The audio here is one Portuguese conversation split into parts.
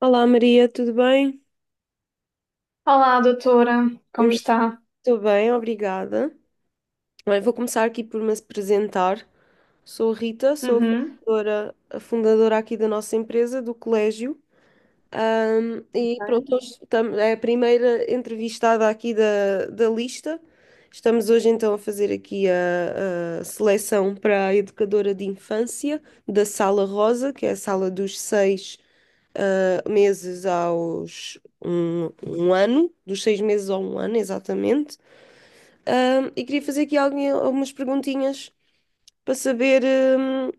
Olá Maria, tudo bem? Olá, doutora, como está? Estou bem, obrigada. Bem, vou começar aqui por me apresentar. Sou a Rita, sou a Uhum, fundadora, a fundadora aqui da nossa empresa, do colégio. E pronto, Bem, hoje é a primeira entrevistada aqui da lista. Estamos hoje então a fazer aqui a seleção para a educadora de infância da Sala Rosa, que é a sala dos seis meses aos um ano, dos seis meses ao um ano, exatamente. E queria fazer aqui algumas perguntinhas para saber hum,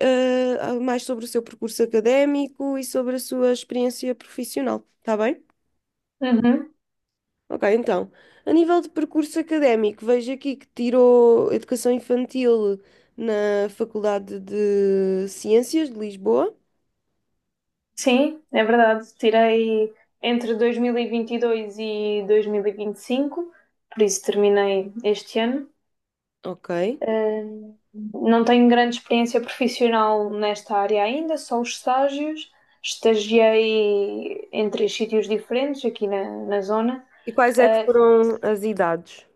ah, ah, mais sobre o seu percurso académico e sobre a sua experiência profissional, está bem? uhum. Ok, então, a nível de percurso académico, vejo aqui que tirou Educação Infantil na Faculdade de Ciências de Lisboa. Sim, é verdade. Tirei entre 2022 e 2025, por isso terminei este ano. Ok. Não tenho grande experiência profissional nesta área ainda, só os estágios. Estagiei em três sítios diferentes aqui na zona. E quais é que ah, foram as idades?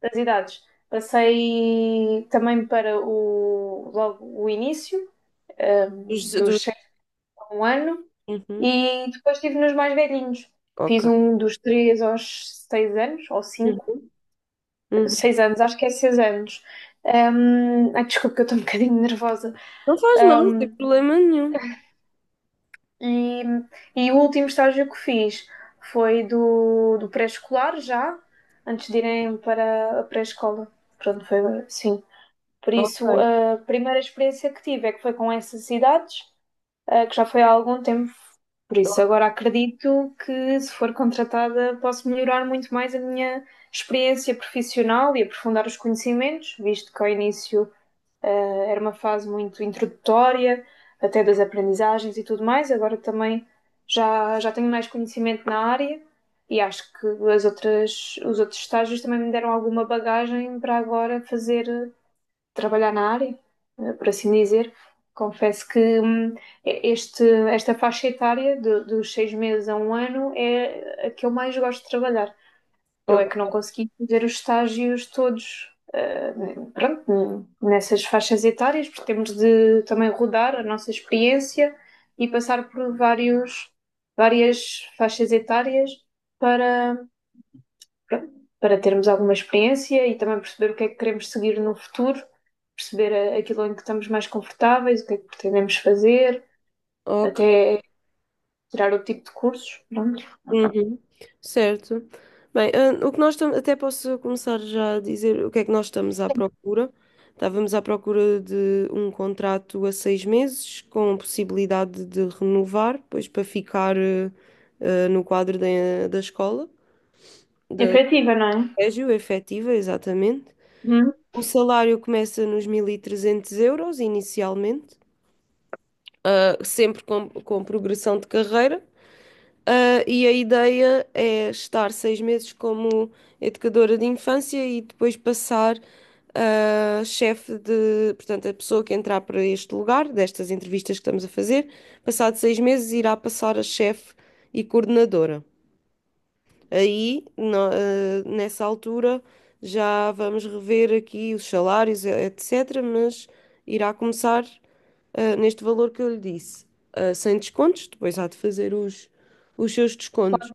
Das idades, passei também para o, logo o início, ah, Dos, dos dos... 6 a um ano. Uhum. E depois estive nos mais velhinhos. Fiz Ok. um dos três aos seis anos, ou cinco, Uhum, uhum. seis anos, acho que é seis anos. Ai, desculpa, que eu estou um bocadinho nervosa. Não faz mal, não tem Hum, problema nenhum. E, e o último estágio que fiz foi do pré-escolar já, antes de irem para a pré-escola. Pronto, foi, sim. Por isso, Ok, a primeira experiência que tive é que foi com essas idades, que já foi há algum tempo. Por isso, agora acredito que, se for contratada, posso melhorar muito mais a minha experiência profissional e aprofundar os conhecimentos, visto que ao início, era uma fase muito introdutória, até das aprendizagens e tudo mais. Agora também já tenho mais conhecimento na área e acho que as outras, os outros estágios também me deram alguma bagagem para agora fazer trabalhar na área, por assim dizer. Confesso que este, esta faixa etária dos seis meses a um ano é a que eu mais gosto de trabalhar. Eu é que o- não consegui fazer os estágios todos, pronto, nessas faixas etárias, porque temos de também rodar a nossa experiência e passar por vários, várias faixas etárias para, pronto, para termos alguma experiência e também perceber o que é que queremos seguir no futuro, perceber aquilo em que estamos mais confortáveis, o que é que pretendemos fazer, ok. até tirar o tipo de cursos. Pronto. Uhum. Certo. Bem, o que nós estamos, até posso começar já a dizer o que é que nós estamos à procura. Estávamos à procura de um contrato a 6 meses, com possibilidade de renovar, pois para ficar no quadro da escola, É do criativa, não é? colégio, efetiva, exatamente. Uhum. O salário começa nos 1300 euros inicialmente. Sempre com progressão de carreira. E a ideia é estar 6 meses como educadora de infância e depois passar a chefe portanto, a pessoa que entrar para este lugar, destas entrevistas que estamos a fazer, passado 6 meses irá passar a chefe e coordenadora. Aí, nessa altura, já vamos rever aqui os salários, etc., mas irá começar, neste valor que eu lhe disse, sem descontos, depois há de fazer os seus descontos.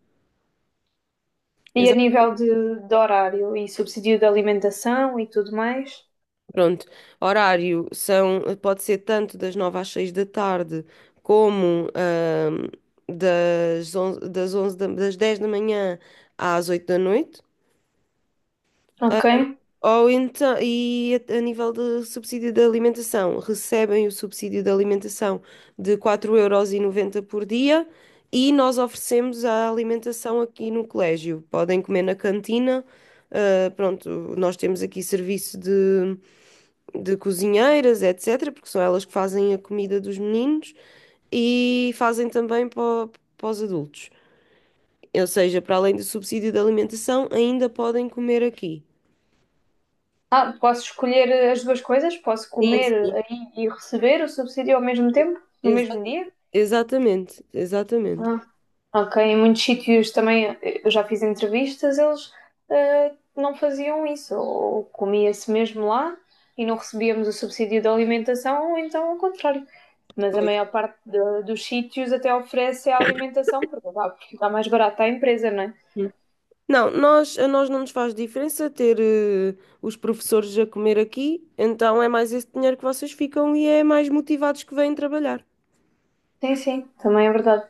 E a Exato, nível de horário e subsídio de alimentação e tudo mais. pronto. Horário são, pode ser tanto das 9 às 6 da tarde, como das 11, das 11 das 10 da manhã às 8 da noite. Ok. Ou então, e a nível de subsídio de alimentação, recebem o subsídio de alimentação de 4,90 euros por dia e nós oferecemos a alimentação aqui no colégio. Podem comer na cantina, pronto, nós temos aqui serviço de cozinheiras, etc., porque são elas que fazem a comida dos meninos e fazem também para os adultos. Ou seja, para além do subsídio de alimentação, ainda podem comer aqui. Ah, posso escolher as duas coisas? Posso comer Sim, aí e receber o subsídio ao mesmo tempo? No sim. mesmo dia? Exatamente, exatamente. Ah, ok, em muitos sítios também, eu já fiz entrevistas, eles não faziam isso, ou comia-se mesmo lá e não recebíamos o subsídio de alimentação, ou então ao contrário. Mas a Pois. maior parte dos sítios até oferece a alimentação, porque dá mais barato à empresa, não é? Hum. Não, a nós não nos faz diferença ter os professores a comer aqui, então é mais esse dinheiro que vocês ficam e é mais motivados que vêm trabalhar. Sim, sim, também é verdade.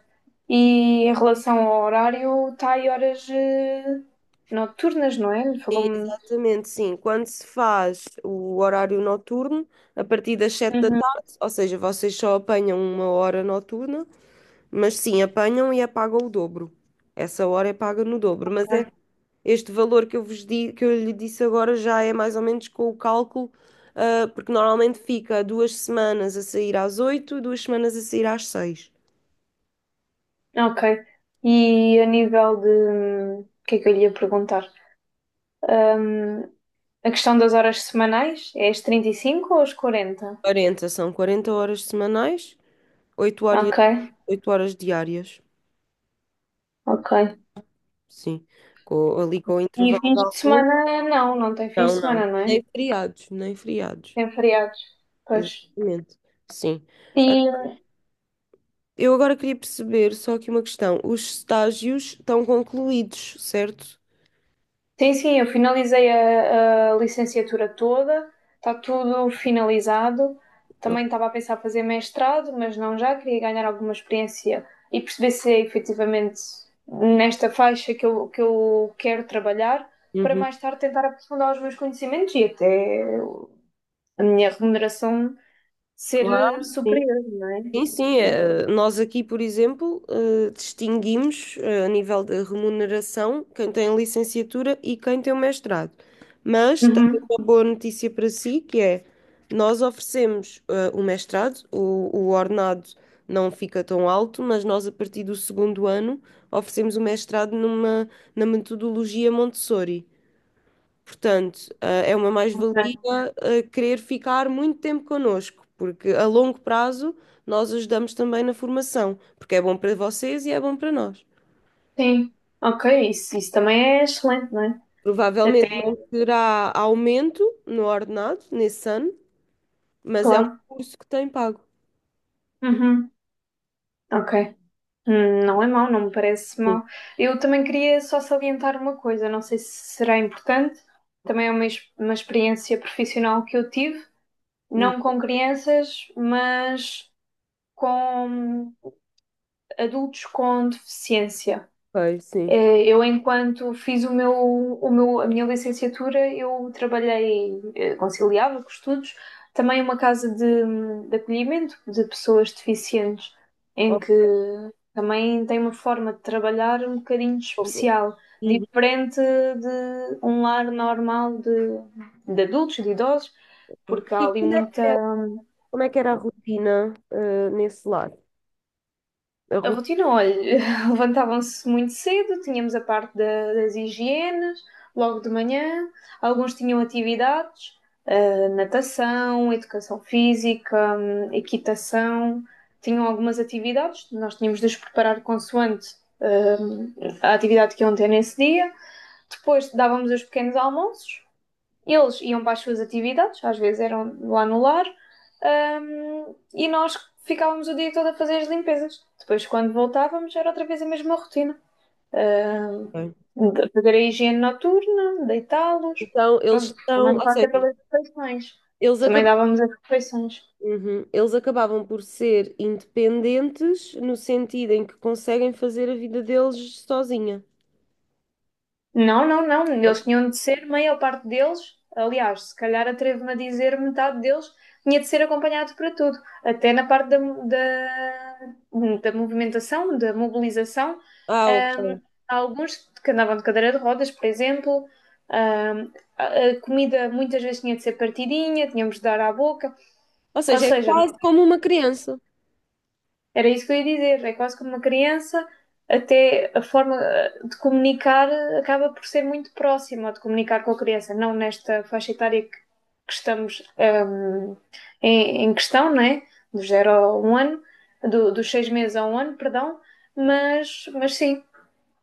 E em relação ao horário, está aí horas noturnas, não é? Sim, Falou-me. exatamente, sim. Quando se faz o horário noturno, a partir das sete da Uhum. tarde, ou seja, vocês só apanham uma hora noturna, mas sim, apanham e apagam o dobro. Essa hora é paga no dobro, mas é, este valor que eu lhe disse agora já é mais ou menos com o cálculo, porque normalmente fica duas semanas a sair às oito e duas semanas a sair às seis. Ok. E a nível de. O que é que eu lhe ia perguntar? Hum, A questão das horas semanais é as 35 ou as 40? Quarenta, são 40 horas semanais, 8 horas, Ok, 8 horas diárias, ok. sim. Ali com o E intervalo de fins de almoço. semana não, não tem fins de Não, não. semana, não é? Nem feriados, nem feriados. Tem feriados. Pois. Exatamente. Sim. E Eu agora queria perceber só aqui uma questão. Os estágios estão concluídos, certo? sim, sim, eu finalizei a licenciatura toda, está tudo finalizado. Ok. Também estava a pensar fazer mestrado, mas não já, queria ganhar alguma experiência e perceber se é efetivamente nesta faixa que que eu quero trabalhar, para Uhum. mais tarde tentar aprofundar os meus conhecimentos e até a minha remuneração ser Claro, sim. superior, não é? Sim, sim. Nós aqui, por exemplo, distinguimos a nível de remuneração quem tem licenciatura e quem tem o mestrado. Mas também Uhum. uma boa notícia para si, que é nós oferecemos o mestrado, o ordenado não fica tão alto, mas nós a partir do segundo ano oferecemos o mestrado na metodologia Montessori. Portanto, é uma Ok. mais-valia querer ficar muito tempo connosco, porque a longo prazo nós ajudamos também na formação, porque é bom para vocês e é bom para nós. Sim, ok, isso também é excelente, não é? Provavelmente não Até, terá aumento no ordenado nesse ano, mas é um claro. curso que tem pago. Uhum. Ok. Não é mau, não me parece Sim, mau. Eu também queria só salientar uma coisa, não sei se será importante, também é uma, uma experiência profissional que eu tive, hum, não com crianças, mas com adultos com deficiência. ok, sim. Eu, enquanto fiz a minha licenciatura, eu trabalhei, conciliava com estudos, também uma casa de acolhimento de pessoas deficientes, em Ó, que também tem uma forma de trabalhar um bocadinho com- especial, Uhum. diferente de um lar normal de adultos, de idosos, porque E há ali Como é muita. como é que era a rotina nesse lar? A A rotina, olha, levantavam-se muito cedo, tínhamos a parte das higienes, logo de manhã, alguns tinham atividades, natação, educação física, equitação, tinham algumas atividades, nós tínhamos de os preparar consoante, hum, a atividade que iam ter nesse dia. Depois dávamos os pequenos almoços, eles iam para as suas atividades, às vezes eram lá no lar, e nós ficávamos o dia todo a fazer as limpezas. Depois, quando voltávamos, era outra vez a mesma rotina. Rotina. De fazer a higiene noturna, deitá-los, Então, eles pronto, estão, também ou seja, passa pelas refeições. eles Também acabaram. dávamos as refeições. Uhum. Eles acabavam por ser independentes no sentido em que conseguem fazer a vida deles sozinha. Não, não, não. Eles tinham de ser, maior parte deles, aliás, se calhar atrevo-me a dizer, metade deles tinha de ser acompanhado para tudo, até na parte da movimentação, da mobilização. Ah, ok. Ahm, há alguns que andavam de cadeira de rodas, por exemplo. Ahm, a a comida muitas vezes tinha de ser partidinha, tínhamos de dar à boca. Ou Ou seja, é seja, quase como uma criança. era isso que eu ia dizer. É quase como uma criança, até a forma de comunicar acaba por ser muito próxima de comunicar com a criança, não nesta faixa etária que estamos, em, em questão, não é? Do zero a um ano, dos seis meses a um ano, perdão, mas sim,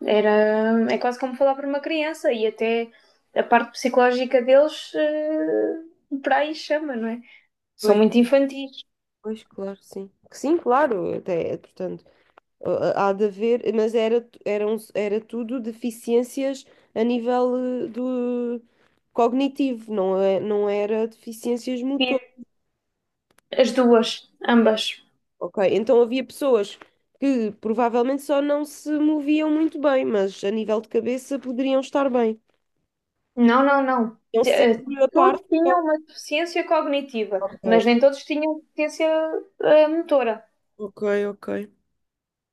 era, é quase como falar para uma criança e até a parte psicológica deles, por aí chama, não é? São Pois, muito infantis. pois, claro, sim. Sim, claro, até, portanto, há de haver, mas era tudo deficiências a nível do cognitivo, não é, não era deficiências motoras. E as duas, ambas. Ok, então havia pessoas que provavelmente só não se moviam muito bem, mas a nível de cabeça poderiam estar bem. Não, não, não. Então T- eh, sempre a Todos parte. tinham uma deficiência cognitiva, Ok, mas nem todos tinham deficiência motora. ok, ok.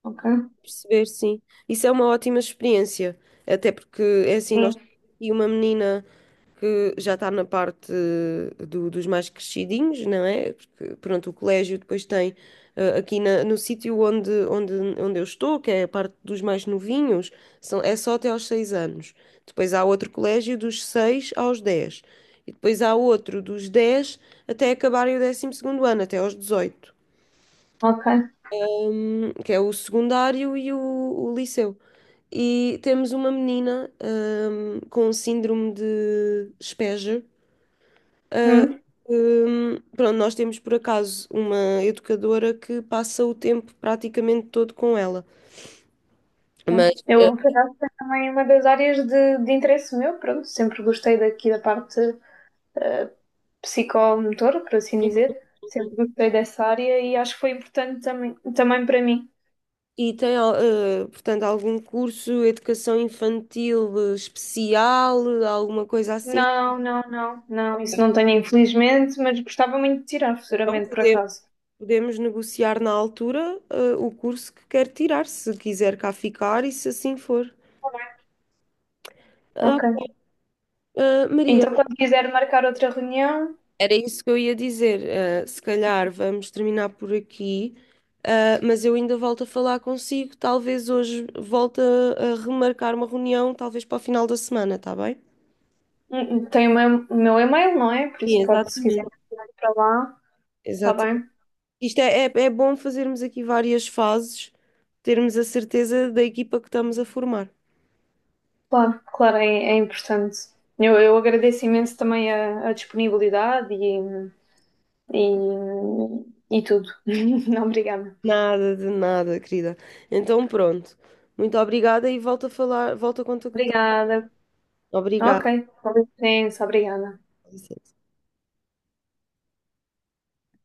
Ok. Perceber, sim. Isso é uma ótima experiência, até porque é assim, nós Sim. temos aqui uma menina que já está na parte dos mais crescidinhos, não é? Porque, pronto, o colégio depois tem aqui no sítio onde eu estou, que é a parte dos mais novinhos, é só até aos 6 anos. Depois há outro colégio dos 6 aos 10. E depois há outro dos 10 até acabarem o 12º ano, até aos 18, Ok. Que é o secundário e o liceu. E temos uma menina, com síndrome de Asperger. Hum. Pronto, nós temos por acaso uma educadora que passa o tempo praticamente todo com ela. Tá. Mas, eh, Eu, por acaso, é também uma das áreas de interesse meu, pronto, sempre gostei daqui da parte eh, psicomotora, por assim dizer. Uhum. Sempre gostei dessa área e acho que foi importante também, também para mim. E tem, portanto, algum curso, educação infantil especial, alguma coisa assim. Não, não, não, não, isso não tenho, infelizmente, mas gostava muito de tirar Então, futuramente, por podemos, acaso. podemos negociar na altura, o curso que quer tirar, se quiser cá ficar e se assim for. Tá bem. Ah, Ok. Maria, Então, quando quiser marcar outra reunião, era isso que eu ia dizer. Se calhar vamos terminar por aqui, mas eu ainda volto a falar consigo. Talvez hoje volte a remarcar uma reunião, talvez para o final da semana, está bem? Tem o meu e-mail, não é? Por isso Sim, pode, se quiser exatamente. ir para lá, está Exato. bem? Isto é bom fazermos aqui várias fases, termos a certeza da equipa que estamos a formar. Claro, claro, é, é importante. Eu agradeço imenso também a disponibilidade e tudo. Obrigada. Nada de nada, querida. Então pronto. Muito obrigada e volto a contactar. Obrigada. Obrigada. Ok, com licença, obrigada.